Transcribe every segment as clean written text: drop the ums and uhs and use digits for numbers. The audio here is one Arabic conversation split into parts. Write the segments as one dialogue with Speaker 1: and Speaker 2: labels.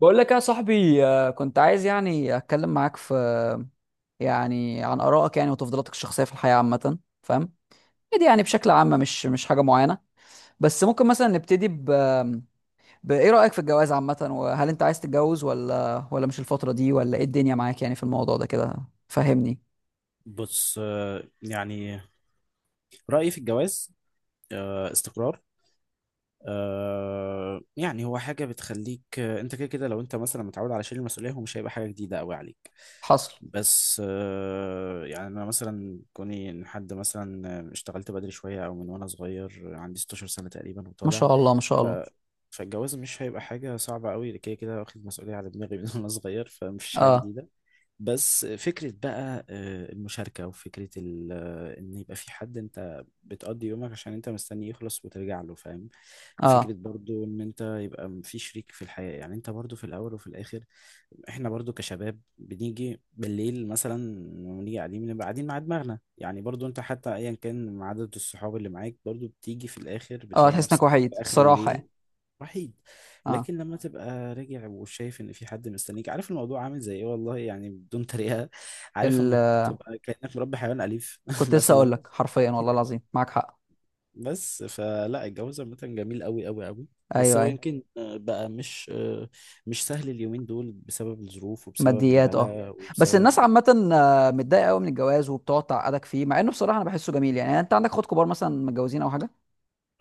Speaker 1: بقول لك يا صاحبي، كنت عايز يعني اتكلم معاك يعني عن ارائك، يعني وتفضيلاتك الشخصيه في الحياه عامه. فاهم؟ دي يعني بشكل عام مش حاجه معينه. بس ممكن مثلا نبتدي بايه رايك في الجواز عامه؟ وهل انت عايز تتجوز ولا مش الفتره دي، ولا ايه الدنيا معاك يعني في الموضوع ده كده؟ فهمني.
Speaker 2: بص، يعني رأيي في الجواز، استقرار. يعني هو حاجة بتخليك، انت كده كده. لو انت مثلا متعود على شيل المسؤولية، هو مش هيبقى حاجة جديدة قوي عليك.
Speaker 1: حصل.
Speaker 2: بس، يعني انا مثلا كوني ان حد مثلا، اشتغلت بدري شوية او من وانا صغير، عندي 16 سنة تقريبا
Speaker 1: ما
Speaker 2: وطالع.
Speaker 1: شاء الله ما شاء
Speaker 2: ف
Speaker 1: الله.
Speaker 2: فالجواز مش هيبقى حاجة صعبة قوي. كده كده واخد مسؤولية على دماغي من وانا صغير، فمش حاجة
Speaker 1: اه
Speaker 2: جديدة. بس فكرة بقى المشاركة، وفكرة إن يبقى في حد أنت بتقضي يومك عشان أنت مستني يخلص وترجع له، فاهم؟ فكرة
Speaker 1: اه
Speaker 2: برضو إن أنت يبقى في شريك في الحياة، يعني أنت برضو في الأول وفي الآخر. إحنا برضو كشباب بنيجي بالليل مثلا، ونيجي قاعدين، بنبقى قاعدين مع دماغنا. يعني برضو أنت، حتى أيا كان عدد الصحاب اللي معاك، برضو بتيجي في الآخر
Speaker 1: اه،
Speaker 2: بتلاقي
Speaker 1: تحس انك
Speaker 2: نفسك
Speaker 1: وحيد
Speaker 2: في آخر
Speaker 1: الصراحه يعني.
Speaker 2: الليل وحيد.
Speaker 1: اه.
Speaker 2: لكن لما تبقى راجع وشايف ان في حد مستنيك، عارف الموضوع عامل زي ايه، والله يعني بدون تريقه. عارف
Speaker 1: ال...
Speaker 2: لما تبقى كانك مربي حيوان اليف
Speaker 1: كنت لسه اقول
Speaker 2: مثلا،
Speaker 1: لك حرفيا والله
Speaker 2: يعني.
Speaker 1: العظيم معاك حق.
Speaker 2: بس فلا الجواز عامة جميل قوي قوي قوي. بس
Speaker 1: ايوه
Speaker 2: هو
Speaker 1: ايوه.
Speaker 2: يمكن بقى مش سهل اليومين دول، بسبب الظروف وبسبب
Speaker 1: ماديات اه.
Speaker 2: الغلاء
Speaker 1: بس الناس
Speaker 2: وبسبب...
Speaker 1: عامة متضايقة قوي من الجواز وبتقعد تعقدك فيه، مع انه بصراحة انا بحسه جميل يعني. يعني انت عندك اخوات كبار مثلا متجوزين او حاجة؟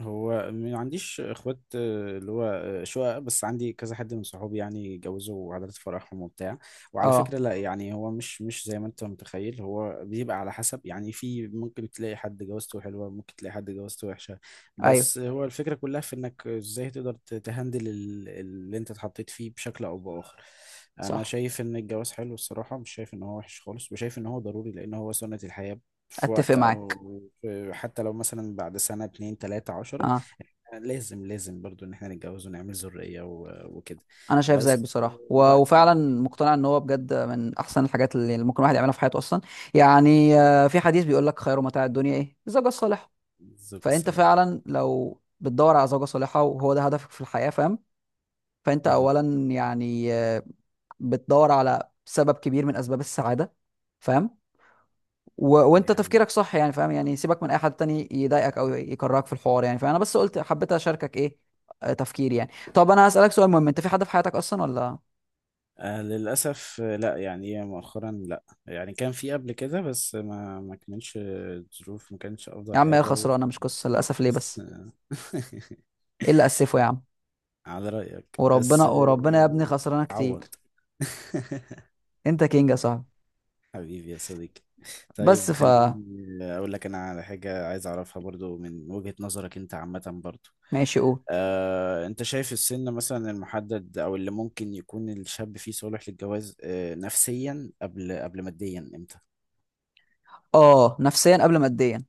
Speaker 2: هو ما عنديش اخوات، اللي هو شقق، بس عندي كذا حد من صحابي يعني جوزوا، وعادات فرحهم وبتاع. وعلى
Speaker 1: اه.
Speaker 2: فكرة لا، يعني هو مش زي ما انت متخيل. هو بيبقى على حسب، يعني في ممكن تلاقي حد جوازته حلوة، ممكن تلاقي حد جوازته وحشة.
Speaker 1: ايوه.
Speaker 2: بس هو الفكرة كلها في انك ازاي تقدر تهندل اللي انت اتحطيت فيه بشكل او بآخر. انا
Speaker 1: صح.
Speaker 2: شايف ان الجواز حلو الصراحة، مش شايف ان هو وحش خالص، وشايف ان هو ضروري لان هو سنة الحياة. في
Speaker 1: اتفق
Speaker 2: وقت او
Speaker 1: معاك.
Speaker 2: حتى لو مثلا بعد سنة، اتنين، تلاتة، 10،
Speaker 1: اه.
Speaker 2: لازم لازم برضو ان احنا نتجوز ونعمل ذرية وكده.
Speaker 1: انا شايف زيك
Speaker 2: بس
Speaker 1: بصراحة
Speaker 2: الوقت
Speaker 1: وفعلا
Speaker 2: دلوقتي.
Speaker 1: مقتنع ان هو بجد من احسن الحاجات اللي ممكن الواحد يعملها في حياته اصلا. يعني في حديث بيقول لك خير متاع الدنيا ايه؟ الزوجة الصالحة.
Speaker 2: الزوجة
Speaker 1: فانت
Speaker 2: الصالحة.
Speaker 1: فعلا لو بتدور على زوجة صالحة وهو ده هدفك في الحياة، فاهم؟ فانت
Speaker 2: اها،
Speaker 1: اولا يعني بتدور على سبب كبير من اسباب السعادة. فاهم؟
Speaker 2: دي
Speaker 1: وانت
Speaker 2: حقيقة.
Speaker 1: تفكيرك صح يعني. فاهم؟ يعني سيبك من اي حد تاني يضايقك او يكرهك في الحوار يعني، فانا بس قلت حبيت اشاركك ايه تفكيري يعني. طب انا هسألك سؤال مهم، انت في حد في حياتك اصلا ولا؟
Speaker 2: للأسف، لا يعني مؤخرا لا، يعني كان في قبل كده، بس ما كانش الظروف، ما كانش
Speaker 1: يا
Speaker 2: أفضل
Speaker 1: عم ايه
Speaker 2: حاجة.
Speaker 1: خسرانه، مش قصه
Speaker 2: وكده
Speaker 1: للاسف ليه
Speaker 2: بس،
Speaker 1: بس؟ ايه اللي اسفه يا عم.
Speaker 2: على رأيك بس،
Speaker 1: وربنا وربنا يا ابني خسرانه
Speaker 2: اتعوض.
Speaker 1: كتير. انت كينج يا صاحبي.
Speaker 2: حبيبي يا صديقي.
Speaker 1: بس
Speaker 2: طيب،
Speaker 1: ف
Speaker 2: خليني اقول لك انا على حاجه عايز اعرفها برضو من وجهه نظرك انت عامه برضو.
Speaker 1: ماشي قول.
Speaker 2: انت شايف السن مثلا المحدد او اللي ممكن يكون الشاب فيه صالح للجواز، نفسيا قبل ماديا امتى؟
Speaker 1: اه نفسيا قبل ماديا.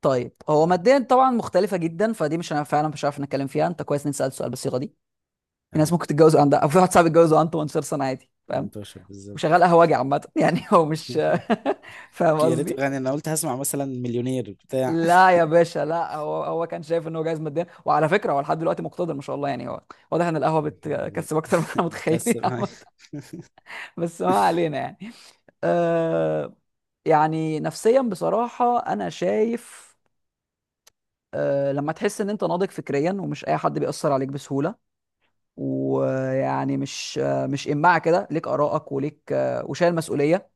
Speaker 1: طيب هو
Speaker 2: اه.
Speaker 1: ماديا طبعا مختلفه جدا، فدي مش، انا فعلا مش عارف نتكلم فيها. انت كويس اني سألت السؤال بالصيغه دي. في ناس
Speaker 2: اهو
Speaker 1: ممكن تتجوز عندها، او في واحد صاحبي اتجوز وعنده 18 سنه عادي، فاهم؟
Speaker 2: 18
Speaker 1: وشغال
Speaker 2: بالظبط.
Speaker 1: قهوجي عامة يعني هو مش. فاهم
Speaker 2: يا ريت،
Speaker 1: قصدي؟
Speaker 2: يعني انا قلت هسمع مثلا مليونير بتاع.
Speaker 1: لا يا باشا لا، هو هو كان شايف ان هو جايز ماديا، وعلى فكره هو لحد دلوقتي مقتدر ما شاء الله. يعني هو واضح ان القهوه
Speaker 2: طب الحمد لله.
Speaker 1: بتكسب اكتر ما احنا متخيلين
Speaker 2: متكسب هاي.
Speaker 1: عامة. بس ما علينا يعني. آه يعني نفسيا بصراحه انا شايف، لما تحس ان انت ناضج فكريا ومش اي حد بيأثر عليك بسهوله، ويعني مش إماعة كده. ليك آرائك، وليك وشايل مسؤولية،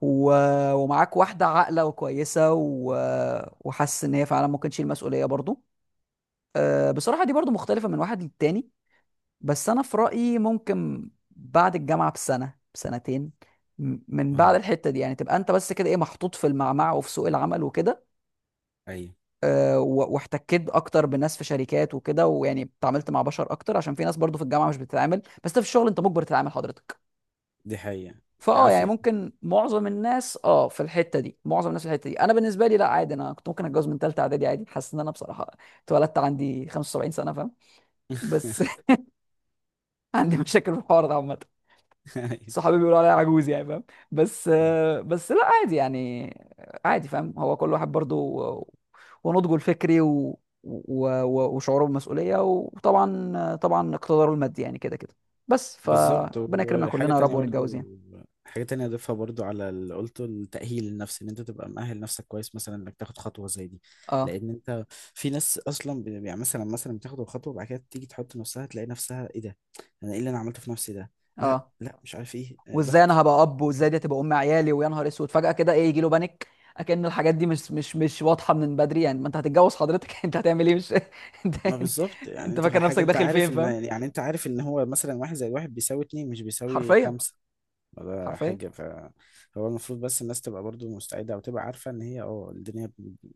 Speaker 1: و... ومعاك واحدة عاقلة وكويسة، وحاسس إن هي فعلا ممكن تشيل مسؤولية برضو. أه بصراحة دي برضو مختلفة من واحد للتاني. بس أنا في رأيي ممكن بعد الجامعة بسنة بسنتين، من بعد
Speaker 2: اهو.
Speaker 1: الحتة دي يعني، تبقى أنت بس كده إيه، محطوط في المعمعة وفي سوق العمل وكده.
Speaker 2: ايوه
Speaker 1: أه واحتكيت أكتر بناس في شركات وكده، ويعني اتعاملت مع بشر أكتر، عشان في ناس برضو في الجامعة مش بتتعامل. بس أنت في الشغل أنت مجبر تتعامل حضرتك.
Speaker 2: دي حقيقه.
Speaker 1: فاه يعني
Speaker 2: عافيه.
Speaker 1: ممكن معظم الناس اه في الحته دي، معظم الناس في الحته دي، انا بالنسبه لي لا عادي. انا كنت ممكن اتجوز من ثالثه اعدادي عادي. حاسس ان انا بصراحه اتولدت عندي 75 سنه، فاهم؟ بس عندي مشاكل في الحوار ده عامه.
Speaker 2: أيوة.
Speaker 1: صحابي بيقولوا عليا عجوز يعني، فاهم؟ بس بس لا عادي يعني. عادي فاهم، هو كل واحد برضو و- ونضجه الفكري وشعوره بالمسؤوليه، وطبعا طبعا اقتداره المادي، يعني كده كده. بس
Speaker 2: بالظبط،
Speaker 1: فربنا يكرمنا
Speaker 2: وحاجة
Speaker 1: كلنا يا رب
Speaker 2: تانية برضو.
Speaker 1: ونتجوز يعني.
Speaker 2: حاجة تانية أضيفها برضو على اللي قلته: التأهيل النفسي، إن أنت تبقى مأهل نفسك كويس مثلا إنك تاخد خطوة زي دي.
Speaker 1: اه
Speaker 2: لأن أنت، في ناس أصلا يعني مثلا بتاخد الخطوة، وبعد كده تيجي تحط نفسها، تلاقي نفسها: إيه ده؟ أنا إيه اللي أنا عملته في نفسي ده؟ لا،
Speaker 1: اه،
Speaker 2: لا، مش عارف إيه،
Speaker 1: وازاي
Speaker 2: ضغط.
Speaker 1: انا هبقى اب، وازاي دي هتبقى ام عيالي، ويا نهار اسود فجاه كده ايه، يجي له بانيك. اكن الحاجات دي مش واضحه من بدري يعني. ما انت هتتجوز حضرتك انت هتعمل ايه مش انت
Speaker 2: ما
Speaker 1: يعني
Speaker 2: بالظبط، يعني
Speaker 1: انت
Speaker 2: أنت
Speaker 1: فاكر
Speaker 2: حاجة.
Speaker 1: نفسك
Speaker 2: أنت
Speaker 1: داخل
Speaker 2: عارف
Speaker 1: فين،
Speaker 2: إن
Speaker 1: فاهم؟
Speaker 2: يعني أنت عارف إن هو مثلا واحد زي واحد بيساوي اتنين، مش بيساوي
Speaker 1: حرفيا.
Speaker 2: خمسة ولا
Speaker 1: حرفيا.
Speaker 2: حاجة. فهو المفروض بس الناس تبقى برضو مستعدة، أو تبقى عارفة إن هي، الدنيا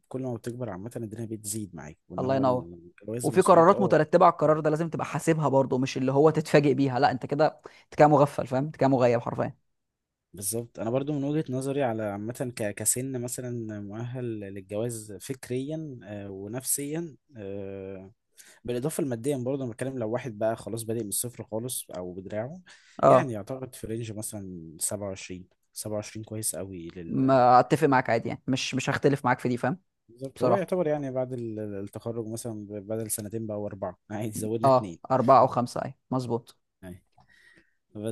Speaker 2: كل ما بتكبر عامة الدنيا بتزيد معاك، وان
Speaker 1: الله
Speaker 2: هو
Speaker 1: ينور.
Speaker 2: الجواز
Speaker 1: وفي
Speaker 2: مسؤوليته.
Speaker 1: قرارات
Speaker 2: اه.
Speaker 1: مترتبه على القرار ده، لازم تبقى حاسبها برضه، مش اللي هو تتفاجئ بيها. لا، انت كده، انت كده مغفل فاهم، انت كده مغيب حرفيا.
Speaker 2: بالظبط. انا برضو من وجهة نظري على عامة، كسن مثلا مؤهل للجواز فكريا ونفسيا، بالاضافة لماديا برضو. انا بتكلم لو واحد بقى خلاص بادئ من الصفر خالص او بدراعه،
Speaker 1: اه
Speaker 2: يعني يعتقد في رينج مثلا 27 كويس قوي
Speaker 1: ما اتفق معاك، عادي يعني، مش هختلف معاك في دي، فاهم؟
Speaker 2: بالظبط. هو
Speaker 1: بصراحه
Speaker 2: يعتبر يعني بعد التخرج مثلا بدل سنتين بقى واربعة عادي. زودنا
Speaker 1: اه
Speaker 2: اتنين
Speaker 1: أربعة أو خمسة، أيوة مظبوط.
Speaker 2: يعني.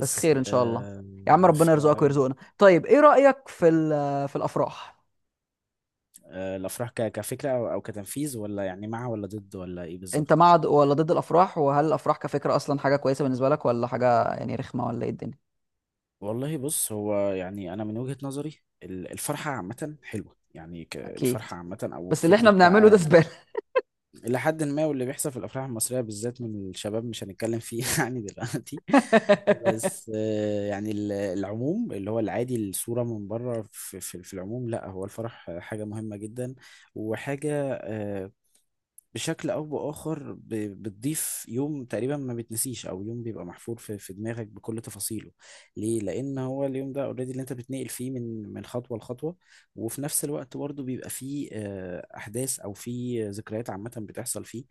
Speaker 1: بس خير ان شاء الله.
Speaker 2: آه،
Speaker 1: يا عم
Speaker 2: ف
Speaker 1: ربنا يرزقك ويرزقنا. طيب ايه رأيك في في الافراح؟
Speaker 2: آه، الافراح كفكره او كتنفيذ، ولا يعني مع ولا ضد، ولا ايه
Speaker 1: انت
Speaker 2: بالظبط؟
Speaker 1: مع ولا ضد الافراح؟ وهل الافراح كفكرة اصلا حاجة كويسة بالنسبة لك، ولا حاجة يعني رخمة، ولا ايه الدنيا؟
Speaker 2: والله بص، هو يعني انا من وجهه نظري، الفرحه عامه حلوه، يعني
Speaker 1: اكيد.
Speaker 2: الفرحه عامه او
Speaker 1: بس اللي احنا
Speaker 2: فكره
Speaker 1: بنعمله ده
Speaker 2: بقى
Speaker 1: زبالة.
Speaker 2: الى حد ما. واللي بيحصل في الافراح المصريه بالذات من الشباب مش هنتكلم فيه يعني دلوقتي. بس يعني العموم، اللي هو العادي، الصوره من بره في العموم، لا هو الفرح حاجه مهمه جدا. وحاجه، بشكل او باخر بتضيف يوم تقريبا ما بتنسيش، او يوم بيبقى محفور في دماغك بكل تفاصيله. ليه؟ لان هو اليوم ده اوريدي اللي انت بتنقل فيه من خطوه لخطوه. وفي نفس الوقت برضه بيبقى فيه احداث او فيه ذكريات عامه بتحصل فيه،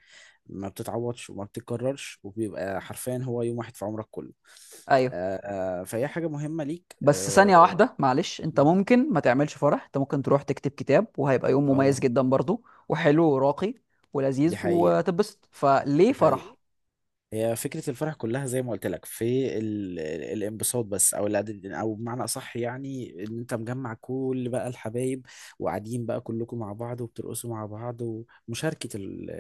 Speaker 2: ما بتتعوضش وما بتتكررش، وبيبقى حرفيا هو يوم واحد في عمرك كله.
Speaker 1: ايوه.
Speaker 2: فهي حاجه مهمه ليك.
Speaker 1: بس ثانية
Speaker 2: اه.
Speaker 1: واحدة معلش، انت ممكن ما تعملش فرح. انت ممكن تروح تكتب كتاب وهيبقى يوم مميز
Speaker 2: آه،
Speaker 1: جدا برضو، وحلو وراقي
Speaker 2: دي
Speaker 1: ولذيذ
Speaker 2: حقيقه،
Speaker 1: وتبسط، فليه
Speaker 2: دي حقيقه.
Speaker 1: فرح؟
Speaker 2: هي فكرة الفرح كلها زي ما قلت لك في الانبساط بس، او العدد، او بمعنى اصح يعني ان انت مجمع كل بقى الحبايب، وقاعدين بقى كلكم مع بعض وبترقصوا مع بعض، ومشاركة ال...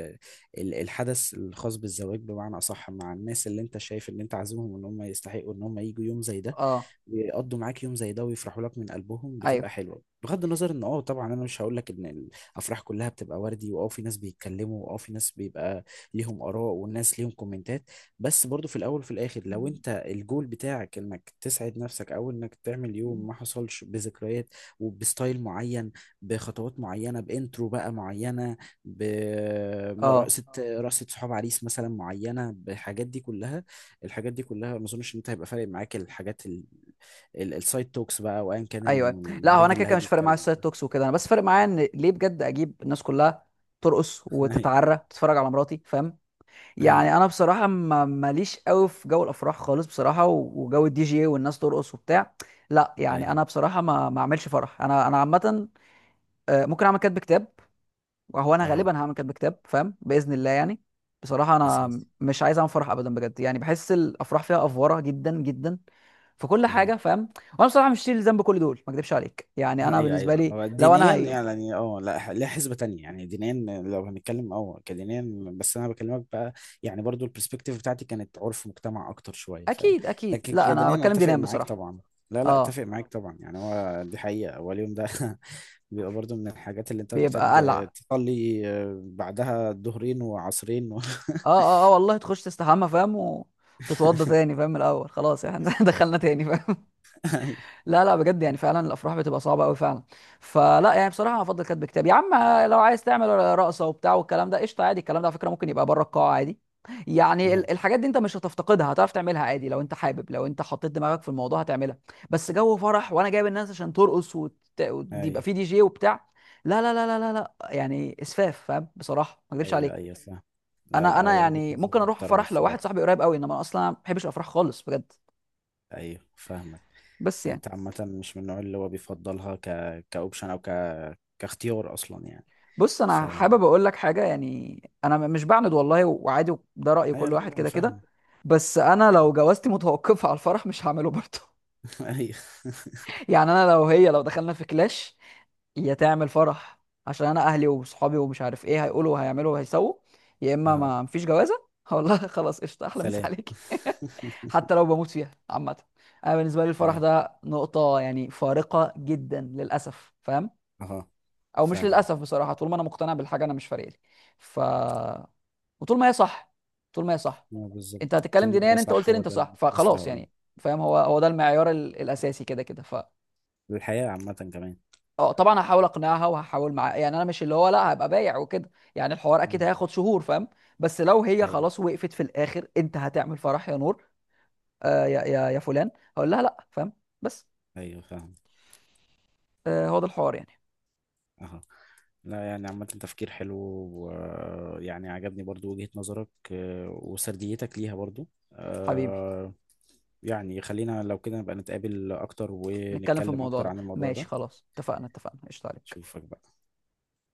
Speaker 2: ال- الحدث الخاص بالزواج بمعنى اصح، مع الناس اللي انت شايف ان انت عازمهم، ان هم يستحقوا ان هم يجوا يوم زي ده،
Speaker 1: اه.
Speaker 2: بيقضوا معاك يوم زي ده ويفرحوا لك من قلبهم. بتبقى
Speaker 1: ايوه.
Speaker 2: حلوه، بغض النظر ان، اه طبعا انا مش هقول لك ان الافراح كلها بتبقى وردي، واه في ناس بيتكلموا، واه في ناس بيبقى ليهم اراء، والناس ليهم كومنتات. بس برضو في الاول وفي الاخر، لو انت الجول بتاعك انك تسعد نفسك، او انك تعمل يوم ما حصلش، بذكريات وبستايل معين، بخطوات معينه، بانترو بقى معينه،
Speaker 1: اه
Speaker 2: برقصه، رقصه صحاب عريس مثلا معينه، بالحاجات دي كلها، الحاجات دي كلها ما اظنش ان انت هيبقى فارق معاك. الحاجات، السايد توكس بقى وأيا كان
Speaker 1: ايوه، لا هو
Speaker 2: المريض
Speaker 1: انا كده
Speaker 2: اللي
Speaker 1: كده
Speaker 2: هيجي
Speaker 1: مش فارق معايا
Speaker 2: يتكلم.
Speaker 1: السايد توكس وكده. انا بس فارق معايا ان ليه بجد اجيب الناس كلها ترقص
Speaker 2: هي،
Speaker 1: وتتعرى تتفرج على مراتي، فاهم؟
Speaker 2: هي،
Speaker 1: يعني انا بصراحه ما ماليش قوي في جو الافراح خالص بصراحه، وجو الدي جي والناس ترقص وبتاع. لا يعني
Speaker 2: هي.
Speaker 1: انا بصراحه ما اعملش فرح. انا عامه ممكن اعمل كاتب كتاب. هو انا غالبا
Speaker 2: أهو.
Speaker 1: هعمل كاتب كتاب فاهم، باذن الله يعني. بصراحه انا
Speaker 2: أساسي.
Speaker 1: مش عايز اعمل فرح ابدا بجد يعني. بحس الافراح فيها افوره جدا جدا في كل
Speaker 2: أهو.
Speaker 1: حاجه فاهم. وانا بصراحه مش شايل ذنب كل دول، ما اكدبش عليك. يعني انا
Speaker 2: أيوه،
Speaker 1: بالنسبه
Speaker 2: أيوه،
Speaker 1: لي
Speaker 2: هو
Speaker 1: لو انا
Speaker 2: دينيا
Speaker 1: هي.
Speaker 2: يعني. أه لا، لها حسبة تانية يعني دينيا. لو هنتكلم كدينيا، بس أنا بكلمك بقى. يعني برضو البرسبكتيف بتاعتي كانت عرف مجتمع أكتر شوية، فاهم؟
Speaker 1: اكيد اكيد
Speaker 2: لكن
Speaker 1: لا انا
Speaker 2: كدينيا أنا
Speaker 1: بتكلم
Speaker 2: أتفق
Speaker 1: دينام
Speaker 2: معاك
Speaker 1: بصراحه.
Speaker 2: طبعا. لا، لا،
Speaker 1: اه.
Speaker 2: أتفق معاك طبعا. يعني هو دي حقيقة، هو اليوم ده بيبقى برضو من الحاجات اللي أنت
Speaker 1: بيبقى
Speaker 2: تحتاج
Speaker 1: قلع.
Speaker 2: تصلي بعدها ظهرين وعصرين و...
Speaker 1: اه اه اه والله، تخش تستحمى فاهم، وتتوضى تاني فاهم من الاول خلاص يعني دخلنا تاني فاهم.
Speaker 2: أيوه.
Speaker 1: لا لا بجد يعني فعلا الافراح بتبقى صعبه قوي فعلا. فلا يعني بصراحه انا افضل كاتب كتاب يا عم. لو عايز تعمل رقصه وبتاع والكلام ده قشطه عادي. الكلام ده على فكره ممكن يبقى بره القاعه عادي. يعني
Speaker 2: أهو.
Speaker 1: الحاجات دي انت مش هتفتقدها، هتعرف تعملها عادي لو انت حابب. لو انت حطيت دماغك في الموضوع هتعملها. بس جو فرح وانا جايب الناس عشان ترقص يبقى
Speaker 2: ايوه،
Speaker 1: في دي جي وبتاع. لا لا لا لا لا لا يعني اسفاف فاهم، بصراحه ما اكذبش
Speaker 2: ايوه،
Speaker 1: عليك.
Speaker 2: ايوه، فاهم. لا،
Speaker 1: انا
Speaker 2: لا،
Speaker 1: انا
Speaker 2: هي وجهة
Speaker 1: يعني
Speaker 2: نظر
Speaker 1: ممكن اروح
Speaker 2: محترمة
Speaker 1: فرح لو واحد
Speaker 2: الصراحة.
Speaker 1: صاحبي قريب قوي. انما انا اصلا ما بحبش الافراح خالص بجد.
Speaker 2: ايوه، فاهمك.
Speaker 1: بس يعني.
Speaker 2: انت عامة مش من النوع اللي هو بيفضلها كاوبشن او كاختيار اصلا يعني.
Speaker 1: بص
Speaker 2: ف
Speaker 1: انا حابب اقول لك حاجه يعني، انا مش بعند والله، وعادي ده راي
Speaker 2: ايوه،
Speaker 1: كل واحد
Speaker 2: لا، انا
Speaker 1: كده كده.
Speaker 2: فاهم.
Speaker 1: بس انا لو جوازتي متوقفه على الفرح مش هعمله برضه.
Speaker 2: ايوه.
Speaker 1: يعني انا لو هي لو دخلنا في كلاش، يا تعمل فرح عشان انا اهلي وصحابي ومش عارف ايه هيقولوا وهيعملوا وهيسووا، يا اما
Speaker 2: اهو.
Speaker 1: ما مفيش جوازه والله خلاص قشطه احلى مسا
Speaker 2: سلام.
Speaker 1: عليكي. حتى لو بموت فيها عامه. انا بالنسبه لي الفرح
Speaker 2: ايوه.
Speaker 1: ده نقطه يعني فارقه جدا للاسف فاهم.
Speaker 2: اهو.
Speaker 1: او مش
Speaker 2: فاهم.
Speaker 1: للاسف بصراحه، طول ما انا مقتنع بالحاجه انا مش فارق لي. ف وطول ما هي صح، طول ما هي صح.
Speaker 2: اه
Speaker 1: انت
Speaker 2: بالظبط، طول
Speaker 1: هتتكلم
Speaker 2: ما
Speaker 1: دينيا،
Speaker 2: هي
Speaker 1: انت
Speaker 2: صح،
Speaker 1: قلت لي
Speaker 2: هو
Speaker 1: انت
Speaker 2: ده اللي
Speaker 1: صح،
Speaker 2: كنت لسه
Speaker 1: فخلاص
Speaker 2: هقوله.
Speaker 1: يعني. فاهم، هو هو ده المعيار الاساسي كده كده.
Speaker 2: الحياة عامة كمان.
Speaker 1: اه طبعا هحاول اقنعها وهحاول معاها يعني، انا مش اللي هو لا هبقى بايع وكده يعني. الحوار اكيد
Speaker 2: مم.
Speaker 1: هياخد شهور فاهم. بس لو هي
Speaker 2: الحياة.
Speaker 1: خلاص وقفت في الاخر، انت هتعمل فرح يا نور؟ آه يا يا يا فلان، هقول لها لا، فاهم؟ بس
Speaker 2: ايوه، فاهم.
Speaker 1: آه هو ده الحوار يعني.
Speaker 2: اهو. لا يعني عامة تفكير حلو، ويعني عجبني برضو وجهة نظرك، وسرديتك ليها برضو.
Speaker 1: حبيبي،
Speaker 2: آه، يعني خلينا لو كده نبقى نتقابل أكتر
Speaker 1: نتكلم في
Speaker 2: ونتكلم
Speaker 1: الموضوع
Speaker 2: أكتر
Speaker 1: ده
Speaker 2: عن الموضوع
Speaker 1: ماشي
Speaker 2: ده.
Speaker 1: خلاص اتفقنا اتفقنا قشطة عليك.
Speaker 2: أشوفك بقى.